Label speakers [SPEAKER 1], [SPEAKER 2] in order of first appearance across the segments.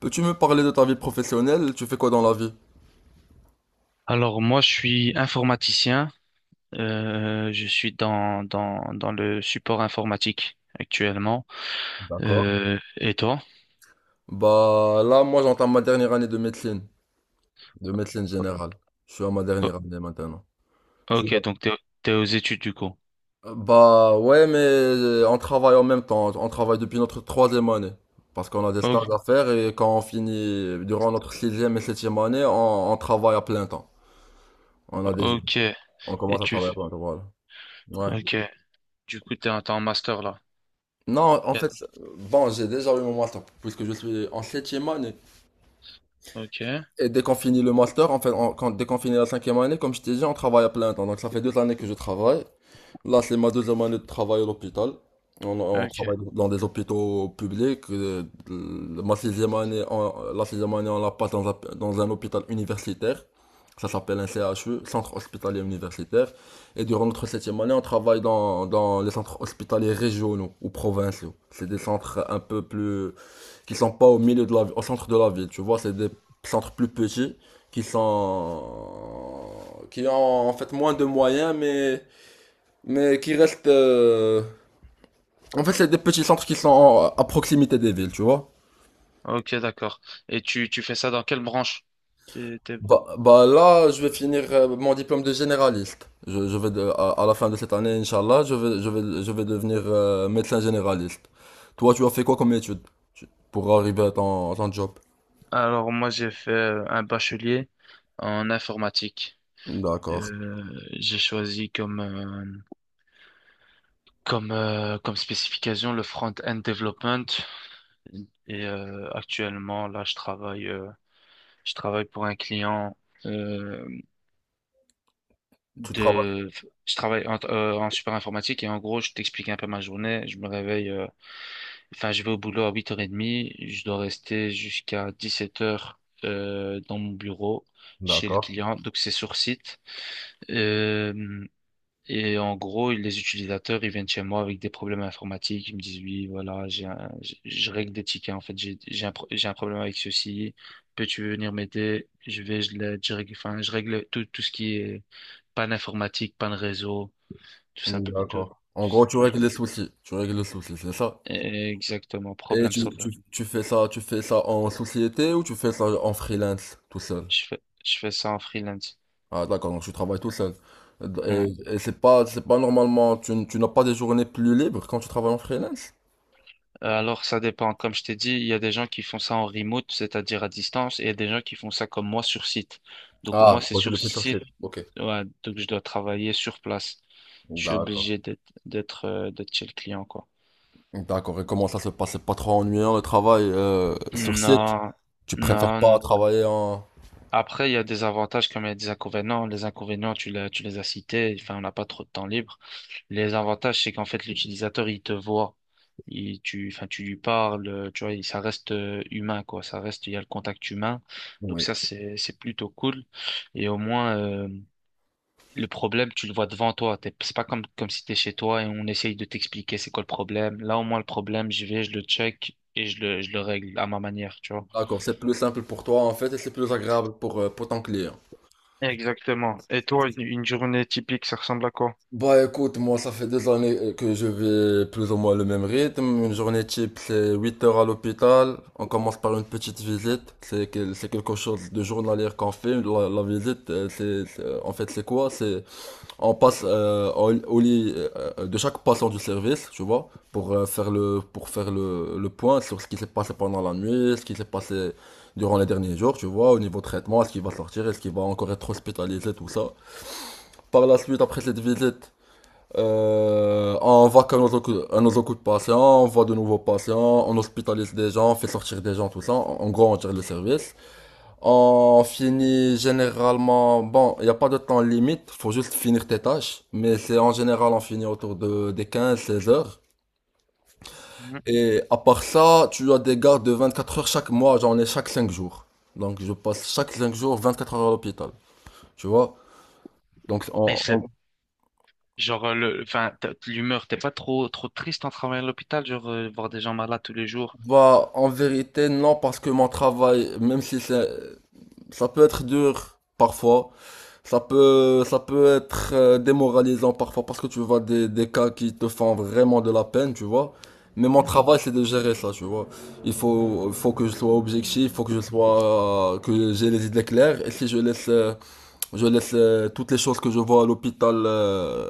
[SPEAKER 1] Peux-tu me parler de ta vie professionnelle? Tu fais quoi dans la vie?
[SPEAKER 2] Alors moi, je suis informaticien. Je suis dans le support informatique actuellement.
[SPEAKER 1] D'accord.
[SPEAKER 2] Et toi?
[SPEAKER 1] Bah là, moi j'entame ma dernière année de médecine générale. Je suis à ma
[SPEAKER 2] O-
[SPEAKER 1] dernière année maintenant. Tu
[SPEAKER 2] ok,
[SPEAKER 1] vois?
[SPEAKER 2] donc t'es aux études du coup.
[SPEAKER 1] Bah ouais, mais on travaille en même temps. On travaille depuis notre troisième année. Parce qu'on a des
[SPEAKER 2] O-
[SPEAKER 1] stages à faire et quand on finit, durant notre sixième et septième année, on travaille à plein temps. On a déjà,
[SPEAKER 2] ok,
[SPEAKER 1] on commence à
[SPEAKER 2] tu...
[SPEAKER 1] travailler à
[SPEAKER 2] f-
[SPEAKER 1] plein temps, voilà. Ouais.
[SPEAKER 2] Ok, du coup t'es en, t'es en master là.
[SPEAKER 1] Non, en
[SPEAKER 2] Bien.
[SPEAKER 1] fait, bon, j'ai déjà eu mon master puisque je suis en septième année.
[SPEAKER 2] Ok,
[SPEAKER 1] Et dès qu'on finit le master, en fait, dès qu'on finit la cinquième année, comme je t'ai dit, on travaille à plein temps. Donc ça fait 2 années que je travaille. Là, c'est ma deuxième année de travail à l'hôpital. On
[SPEAKER 2] ok,
[SPEAKER 1] travaille dans des hôpitaux publics. Ma sixième année, la sixième année, on la passe dans un hôpital universitaire. Ça s'appelle un CHU, Centre Hospitalier Universitaire. Et durant notre septième année, on travaille dans les centres hospitaliers régionaux ou provinciaux. C'est des centres un peu plus qui sont pas au centre de la ville, tu vois, c'est des centres plus petits qui sont qui ont en fait moins de moyens mais qui restent en fait c'est des petits centres qui sont à proximité des villes, tu vois.
[SPEAKER 2] ok, d'accord. Et tu fais ça dans quelle branche? T'es- t'es-
[SPEAKER 1] Bah là, je vais finir mon diplôme de généraliste. À la fin de cette année, Inch'Allah, je vais devenir médecin généraliste. Toi, tu as fait quoi comme étude pour arriver à ton, job?
[SPEAKER 2] Alors moi, j'ai fait un bachelier en informatique.
[SPEAKER 1] D'accord.
[SPEAKER 2] Euh, j'ai choisi comme spécification, le front-end development. Actuellement, là, je travaille pour un client euh,
[SPEAKER 1] Tu travailles.
[SPEAKER 2] de, je travaille en support informatique et en gros, je t'explique un peu ma journée. Je me réveille, enfin, je vais au boulot à 8h30. Je dois rester jusqu'à 17h dans mon bureau chez le
[SPEAKER 1] D'accord.
[SPEAKER 2] client. Donc, c'est sur site. Euh, et en gros, les utilisateurs, ils viennent chez moi avec des problèmes informatiques. Ils me disent, oui, voilà, je règle des tickets. En fait, j'ai un problème avec ceci. Peux-tu venir m'aider? Je vais, je l'aide, je règle, enfin, je règle tout, tout ce qui est panne informatique, panne réseau, tout
[SPEAKER 1] Mm,
[SPEAKER 2] simple, tout
[SPEAKER 1] d'accord. En gros, tu règles
[SPEAKER 2] simplement.
[SPEAKER 1] les soucis. Tu règles les soucis, c'est ça?
[SPEAKER 2] Exactement,
[SPEAKER 1] Et
[SPEAKER 2] problème solver.
[SPEAKER 1] tu fais ça en société ou tu fais ça en freelance, tout seul?
[SPEAKER 2] Je fais ça en freelance.
[SPEAKER 1] Ah, d'accord, donc tu travailles tout seul. Et,
[SPEAKER 2] Ouais.
[SPEAKER 1] et c'est pas normalement, tu n'as pas des journées plus libres quand tu travailles en freelance?
[SPEAKER 2] Alors, ça dépend. Comme je t'ai dit, il y a des gens qui font ça en remote, c'est-à-dire à distance, et il y a des gens qui font ça comme moi sur site. Donc,
[SPEAKER 1] Ah,
[SPEAKER 2] moi, c'est
[SPEAKER 1] bon, tu
[SPEAKER 2] sur
[SPEAKER 1] le fais sur site.
[SPEAKER 2] site,
[SPEAKER 1] Ok.
[SPEAKER 2] ouais, donc je dois travailler sur place. Je suis
[SPEAKER 1] D'accord.
[SPEAKER 2] obligé d'être, d'être chez le client, quoi.
[SPEAKER 1] D'accord. Et comment ça se passe? C'est pas trop ennuyant le travail sur site?
[SPEAKER 2] Non,
[SPEAKER 1] Tu préfères pas
[SPEAKER 2] non.
[SPEAKER 1] travailler en.
[SPEAKER 2] Après, il y a des avantages comme il y a des inconvénients. Les inconvénients, tu l'as, tu les as cités. Enfin, on n'a pas trop de temps libre. Les avantages, c'est qu'en fait, l'utilisateur, il te voit. Enfin, tu lui parles, tu vois, ça reste humain, quoi. Ça reste, il y a le contact humain. Donc
[SPEAKER 1] Oui.
[SPEAKER 2] ça, c'est plutôt cool. Et au moins, le problème, tu le vois devant toi. C'est pas comme, si t'es chez toi et on essaye de t'expliquer c'est quoi le problème. Là, au moins, le problème, j'y vais, je le check et je le règle à ma manière, tu vois.
[SPEAKER 1] D'accord, c'est plus simple pour toi en fait et c'est plus agréable pour ton client.
[SPEAKER 2] Exactement. Et toi, une journée typique, ça ressemble à quoi?
[SPEAKER 1] Bah écoute, moi ça fait des années que je vais plus ou moins le même rythme. Une journée type, c'est 8 heures à l'hôpital. On commence par une petite visite. C'est quelque chose de journalier qu'on fait. La visite, en fait c'est quoi? C'est on passe au lit de chaque patient du service, tu vois, pour faire le pour faire le point sur ce qui s'est passé pendant la nuit, ce qui s'est passé durant les derniers jours, tu vois, au niveau traitement, est-ce qu'il va sortir, est-ce qu'il va encore être hospitalisé, tout ça. Par la suite, après cette visite, on va qu'à nos, à nos occupe patients on voit de nouveaux patients, on hospitalise des gens, on fait sortir des gens, tout ça. En gros, on tire le service. On finit généralement, bon, il n'y a pas de temps limite, faut juste finir tes tâches. Mais c'est en général, on finit autour des 15 16 heures.
[SPEAKER 2] Mhm.
[SPEAKER 1] Et à part ça, tu as des gardes de 24 heures chaque mois, j'en ai chaque 5 jours. Donc je passe chaque 5 jours 24 heures à l'hôpital, tu vois. Donc
[SPEAKER 2] Et c'est genre enfin, l'humeur, t'es pas trop trop triste en travaillant à l'hôpital, genre voir des gens malades tous les jours.
[SPEAKER 1] bah, en vérité, non, parce que mon travail, même si c'est ça peut être dur parfois, ça peut être démoralisant parfois parce que tu vois des cas qui te font vraiment de la peine, tu vois. Mais mon travail, c'est de gérer ça, tu vois. Il faut que je sois objectif, il faut que je sois, que j'ai les idées claires. Et si je laisse toutes les choses que je vois à l'hôpital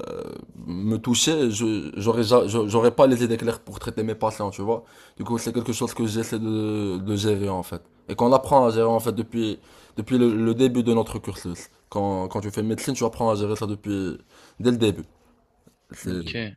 [SPEAKER 1] me toucher. Je j'aurais ja- je- j'aurais pas les idées claires pour traiter mes patients, tu vois. Du coup, c'est quelque chose que j'essaie de gérer en fait. Et qu'on apprend à gérer en fait depuis le début de notre cursus. Quand tu fais médecine, tu apprends à gérer ça depuis dès le début.
[SPEAKER 2] Mhm.
[SPEAKER 1] C'est
[SPEAKER 2] Ok,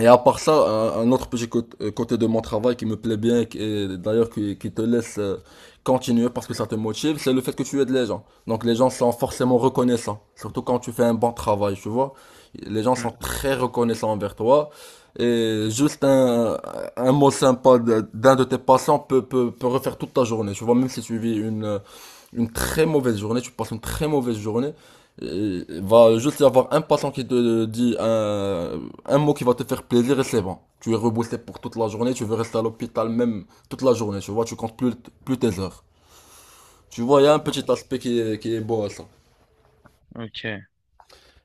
[SPEAKER 1] Et à part ça, un autre petit côté, de mon travail qui me plaît bien, et d'ailleurs qui te laisse continuer parce que ça te motive, c'est le fait que tu aides les gens. Donc les gens sont forcément reconnaissants, surtout quand tu fais un bon travail, tu vois. Les gens sont
[SPEAKER 2] mm.
[SPEAKER 1] très reconnaissants envers toi. Et juste un mot sympa d'un de tes passants peut refaire toute ta journée, tu vois, même si tu vis une très mauvaise journée, tu passes une très mauvaise journée. Et il va juste y avoir un patron qui te dit un mot qui va te faire plaisir et c'est bon. Tu es reboosté pour toute la journée, tu veux rester à l'hôpital même toute la journée, tu vois, tu comptes plus tes heures. Tu vois, il y a un petit aspect qui est beau à ça.
[SPEAKER 2] Ok.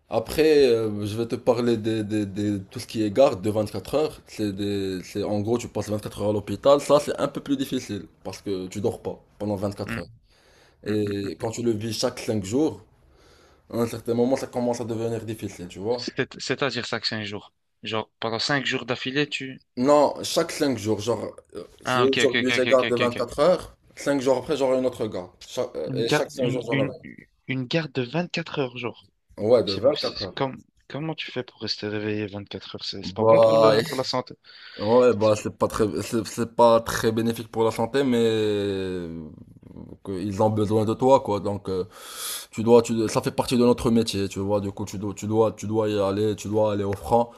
[SPEAKER 1] Après, je vais te parler de tout ce qui est garde de 24 heures. En gros, tu passes 24 heures à l'hôpital. Ça, c'est un peu plus difficile parce que tu dors pas pendant 24
[SPEAKER 2] Mm.
[SPEAKER 1] heures.
[SPEAKER 2] Mm. Mm.
[SPEAKER 1] Et quand tu le vis chaque 5 jours, à un certain moment, ça commence à devenir difficile, tu vois.
[SPEAKER 2] C'est-à-dire ça que 5 jours. Genre pendant 5 jours d'affilée, tu.
[SPEAKER 1] Non, chaque 5 jours, genre, si
[SPEAKER 2] Ah, ok, ok,
[SPEAKER 1] aujourd'hui j'ai
[SPEAKER 2] ok, ok,
[SPEAKER 1] garde de
[SPEAKER 2] ok, ok.
[SPEAKER 1] 24 heures, 5 jours après j'aurai une autre garde. Cha- euh,
[SPEAKER 2] Une
[SPEAKER 1] et
[SPEAKER 2] garde,
[SPEAKER 1] chaque 5
[SPEAKER 2] une,
[SPEAKER 1] jours j'en
[SPEAKER 2] une,
[SPEAKER 1] aurai
[SPEAKER 2] une garde de 24 heures jour.
[SPEAKER 1] une. Ouais, de
[SPEAKER 2] C'est beau. C'est
[SPEAKER 1] 24
[SPEAKER 2] c'est
[SPEAKER 1] heures.
[SPEAKER 2] comment tu fais pour rester réveillé 24 heures? C'est pas bon pour
[SPEAKER 1] Bah,
[SPEAKER 2] le, pour la santé.
[SPEAKER 1] ouais, bah c'est pas très bénéfique pour la santé, mais que ils ont besoin de toi, quoi. Donc, ça fait partie de notre métier, tu vois. Du coup, tu dois y aller, tu dois aller au franc.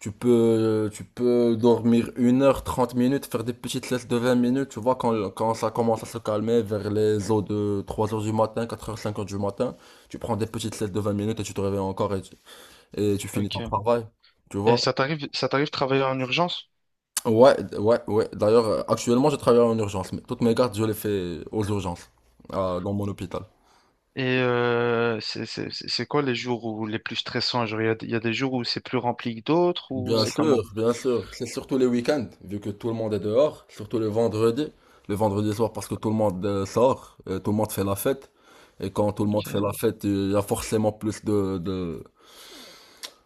[SPEAKER 1] Tu peux dormir 1 heure, 30 minutes, faire des petites siestes de 20 minutes, tu vois, quand ça commence à se calmer vers les eaux de 3 heures du matin, 4 heures, 5 heures du matin, tu prends des petites siestes de 20 minutes et tu te réveilles encore et tu finis ton
[SPEAKER 2] Ok.
[SPEAKER 1] travail, tu
[SPEAKER 2] Et
[SPEAKER 1] vois.
[SPEAKER 2] ça t'arrive de travailler en urgence?
[SPEAKER 1] Ouais, ouais, ouais. D'ailleurs, actuellement, je travaille en urgence, mais toutes mes gardes, je les fais aux urgences, dans mon hôpital.
[SPEAKER 2] Et c'est quoi les jours où les plus stressants? Genre, il y a des jours où c'est plus rempli que d'autres ou
[SPEAKER 1] Bien
[SPEAKER 2] c'est
[SPEAKER 1] sûr,
[SPEAKER 2] comment?
[SPEAKER 1] bien sûr. C'est surtout les week-ends, vu que tout le monde est dehors, surtout le vendredi. Le vendredi soir, parce que tout le monde sort, tout le monde fait la fête. Et quand tout le monde fait
[SPEAKER 2] Ok.
[SPEAKER 1] la fête, il y a forcément plus de, de,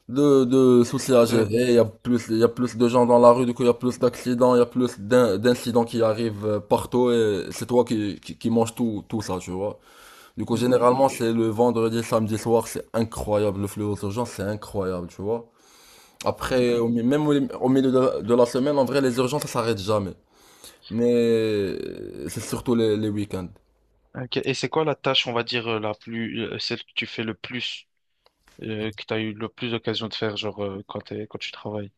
[SPEAKER 1] de, de soucis à
[SPEAKER 2] De-
[SPEAKER 1] gérer. Il y a plus de gens dans la rue, du coup, il y a plus d'accidents, il y a plus d'incidents qui arrivent partout. Et c'est toi qui manges tout, tout ça, tu vois. Du coup,
[SPEAKER 2] Mm, mm, mm,
[SPEAKER 1] généralement, c'est le vendredi, samedi soir, c'est incroyable. Le flux aux urgences, c'est incroyable, tu vois.
[SPEAKER 2] mm,
[SPEAKER 1] Après,
[SPEAKER 2] mm.
[SPEAKER 1] même au milieu de la semaine, en vrai, les urgences, ça s'arrête jamais. Mais c'est surtout les week-ends.
[SPEAKER 2] Ok. Et c'est quoi la tâche, on va dire, celle que tu fais le plus, que tu as eu le plus d'occasion de faire, genre, quand tu travailles?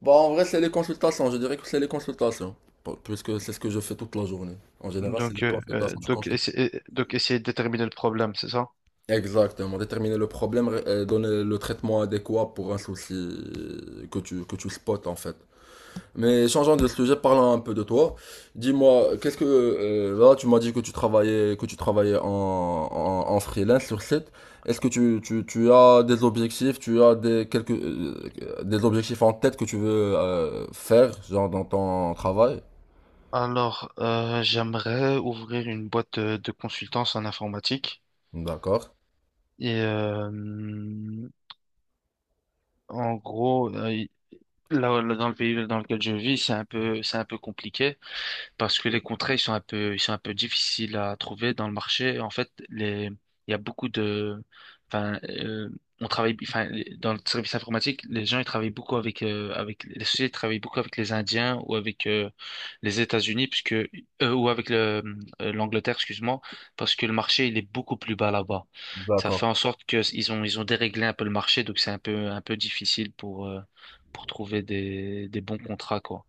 [SPEAKER 1] Bah, en vrai, c'est les consultations. Je dirais que c'est les consultations. Puisque c'est ce que je fais toute la journée. En général, c'est
[SPEAKER 2] Donc,
[SPEAKER 1] les
[SPEAKER 2] euh, euh,
[SPEAKER 1] consultations. Tu
[SPEAKER 2] donc,
[SPEAKER 1] consultes.
[SPEAKER 2] essa- euh, donc, essayer de déterminer le problème, c'est ça?
[SPEAKER 1] Exactement. Déterminer le problème, donner le traitement adéquat pour un souci que tu spots, en fait. Mais changeons de sujet, parlons un peu de toi. Dis-moi, qu'est-ce que là tu m'as dit que tu travaillais en, en freelance sur site. Est-ce que tu as des objectifs, tu as des objectifs en tête que tu veux faire genre dans ton travail?
[SPEAKER 2] Alors, j'aimerais ouvrir une boîte de consultance en informatique.
[SPEAKER 1] D'accord.
[SPEAKER 2] Et, euh, En gros, là, dans le pays dans lequel je vis, c'est un peu compliqué parce que les contrats, ils sont un peu difficiles à trouver dans le marché. En fait, il y a beaucoup de, enfin, on travaille, enfin, dans le service informatique, les gens, ils travaillent beaucoup avec, avec, les sociétés travaillent beaucoup avec les Indiens ou avec les États-Unis, puisque, ou avec l'Angleterre, excuse-moi, parce que le marché, il est beaucoup plus bas là-bas. Ça
[SPEAKER 1] D'accord.
[SPEAKER 2] fait en sorte que ils ont déréglé un peu le marché, donc c'est un peu difficile pour trouver des bons contrats, quoi.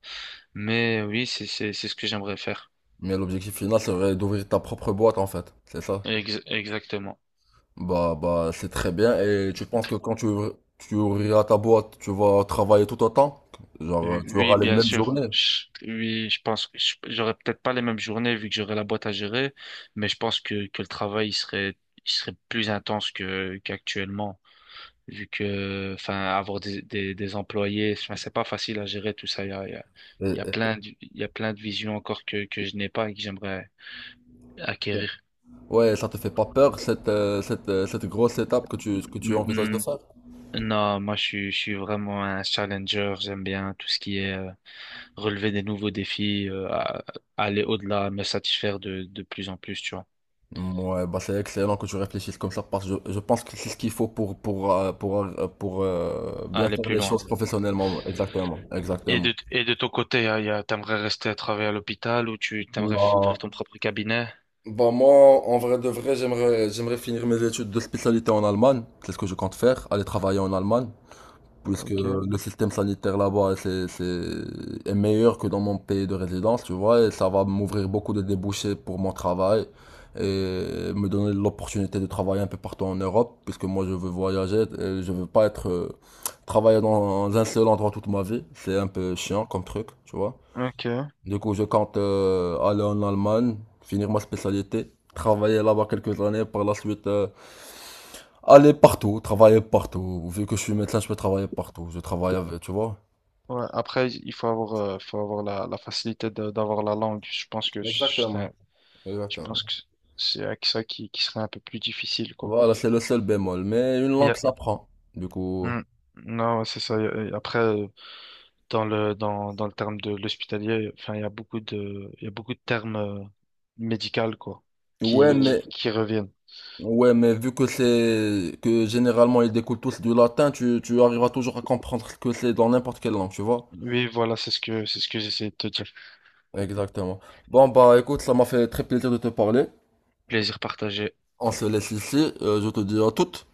[SPEAKER 2] Mais oui, c'est ce que j'aimerais faire.
[SPEAKER 1] Mais l'objectif final serait d'ouvrir ta propre boîte en fait, c'est ça?
[SPEAKER 2] Exactement.
[SPEAKER 1] Bah c'est très bien et tu penses que quand tu ouvriras ta boîte, tu vas travailler tout autant? Genre tu
[SPEAKER 2] Oui,
[SPEAKER 1] auras les
[SPEAKER 2] bien
[SPEAKER 1] mêmes
[SPEAKER 2] sûr.
[SPEAKER 1] journées?
[SPEAKER 2] Oui, je pense que j'aurais peut-être pas les mêmes journées vu que j'aurais la boîte à gérer, mais je pense que le travail il serait plus intense que qu'actuellement vu que enfin avoir des employés, enfin, c'est pas facile à gérer tout ça. Il y a plein de, il y a plein de visions encore que je n'ai pas et que j'aimerais acquérir.
[SPEAKER 1] Ouais, ça te fait pas peur cette grosse étape que tu
[SPEAKER 2] Mm,
[SPEAKER 1] envisages de
[SPEAKER 2] mm.
[SPEAKER 1] faire?
[SPEAKER 2] Non, moi je suis vraiment un challenger. J'aime bien tout ce qui est relever des nouveaux défis, aller au-delà, me satisfaire de plus en plus, tu vois,
[SPEAKER 1] Ouais, bah c'est excellent que tu réfléchisses comme ça parce que je pense que c'est ce qu'il faut pour, bien
[SPEAKER 2] aller
[SPEAKER 1] faire
[SPEAKER 2] plus
[SPEAKER 1] les
[SPEAKER 2] loin.
[SPEAKER 1] choses professionnellement. Exactement,
[SPEAKER 2] Et
[SPEAKER 1] exactement.
[SPEAKER 2] de, et de ton côté, hein, t'aimerais rester à travailler à l'hôpital ou tu t'aimerais
[SPEAKER 1] Bah,
[SPEAKER 2] ouvrir ton propre cabinet?
[SPEAKER 1] bah moi, en vrai de vrai, j'aimerais finir mes études de spécialité en Allemagne. C'est ce que je compte faire, aller travailler en Allemagne. Puisque
[SPEAKER 2] Ok,
[SPEAKER 1] le système sanitaire là-bas est meilleur que dans mon pays de résidence, tu vois, et ça va m'ouvrir beaucoup de débouchés pour mon travail et me donner l'opportunité de travailler un peu partout en Europe, puisque moi je veux voyager, et je veux pas être travailler dans un seul endroit toute ma vie, c'est un peu chiant comme truc, tu vois.
[SPEAKER 2] ok.
[SPEAKER 1] Du coup, je compte aller en Allemagne, finir ma spécialité, travailler là-bas quelques années, par la suite aller partout, travailler partout. Vu que je suis médecin, je peux travailler partout. Je travaille avec, tu vois.
[SPEAKER 2] Ouais. Après, il faut avoir la facilité d'avoir la langue.
[SPEAKER 1] Exactement.
[SPEAKER 2] Je
[SPEAKER 1] Exactement.
[SPEAKER 2] pense que c'est avec ça qui serait un peu plus difficile, quoi.
[SPEAKER 1] Voilà, c'est le seul bémol. Mais une
[SPEAKER 2] Mais y
[SPEAKER 1] langue
[SPEAKER 2] a-
[SPEAKER 1] s'apprend. Du coup.
[SPEAKER 2] Hmm. Non, ouais, c'est ça. Après, dans le dans le terme de l'hospitalier, enfin il y a beaucoup de il y a beaucoup de termes médicaux quoi
[SPEAKER 1] Ouais,
[SPEAKER 2] qui,
[SPEAKER 1] hmm. Mais,
[SPEAKER 2] qui qui reviennent.
[SPEAKER 1] ouais, mais vu que c'est que généralement ils découlent tous du latin, tu arriveras toujours à comprendre ce que c'est dans n'importe quelle langue, tu vois?
[SPEAKER 2] Oui, voilà, c'est ce que j'essaie de te dire.
[SPEAKER 1] Exactement. Bon, bah écoute, ça m'a fait très plaisir de te parler.
[SPEAKER 2] Plaisir partagé.
[SPEAKER 1] On se laisse ici. Je te dis à toutes.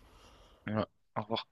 [SPEAKER 2] Ouais. Au revoir.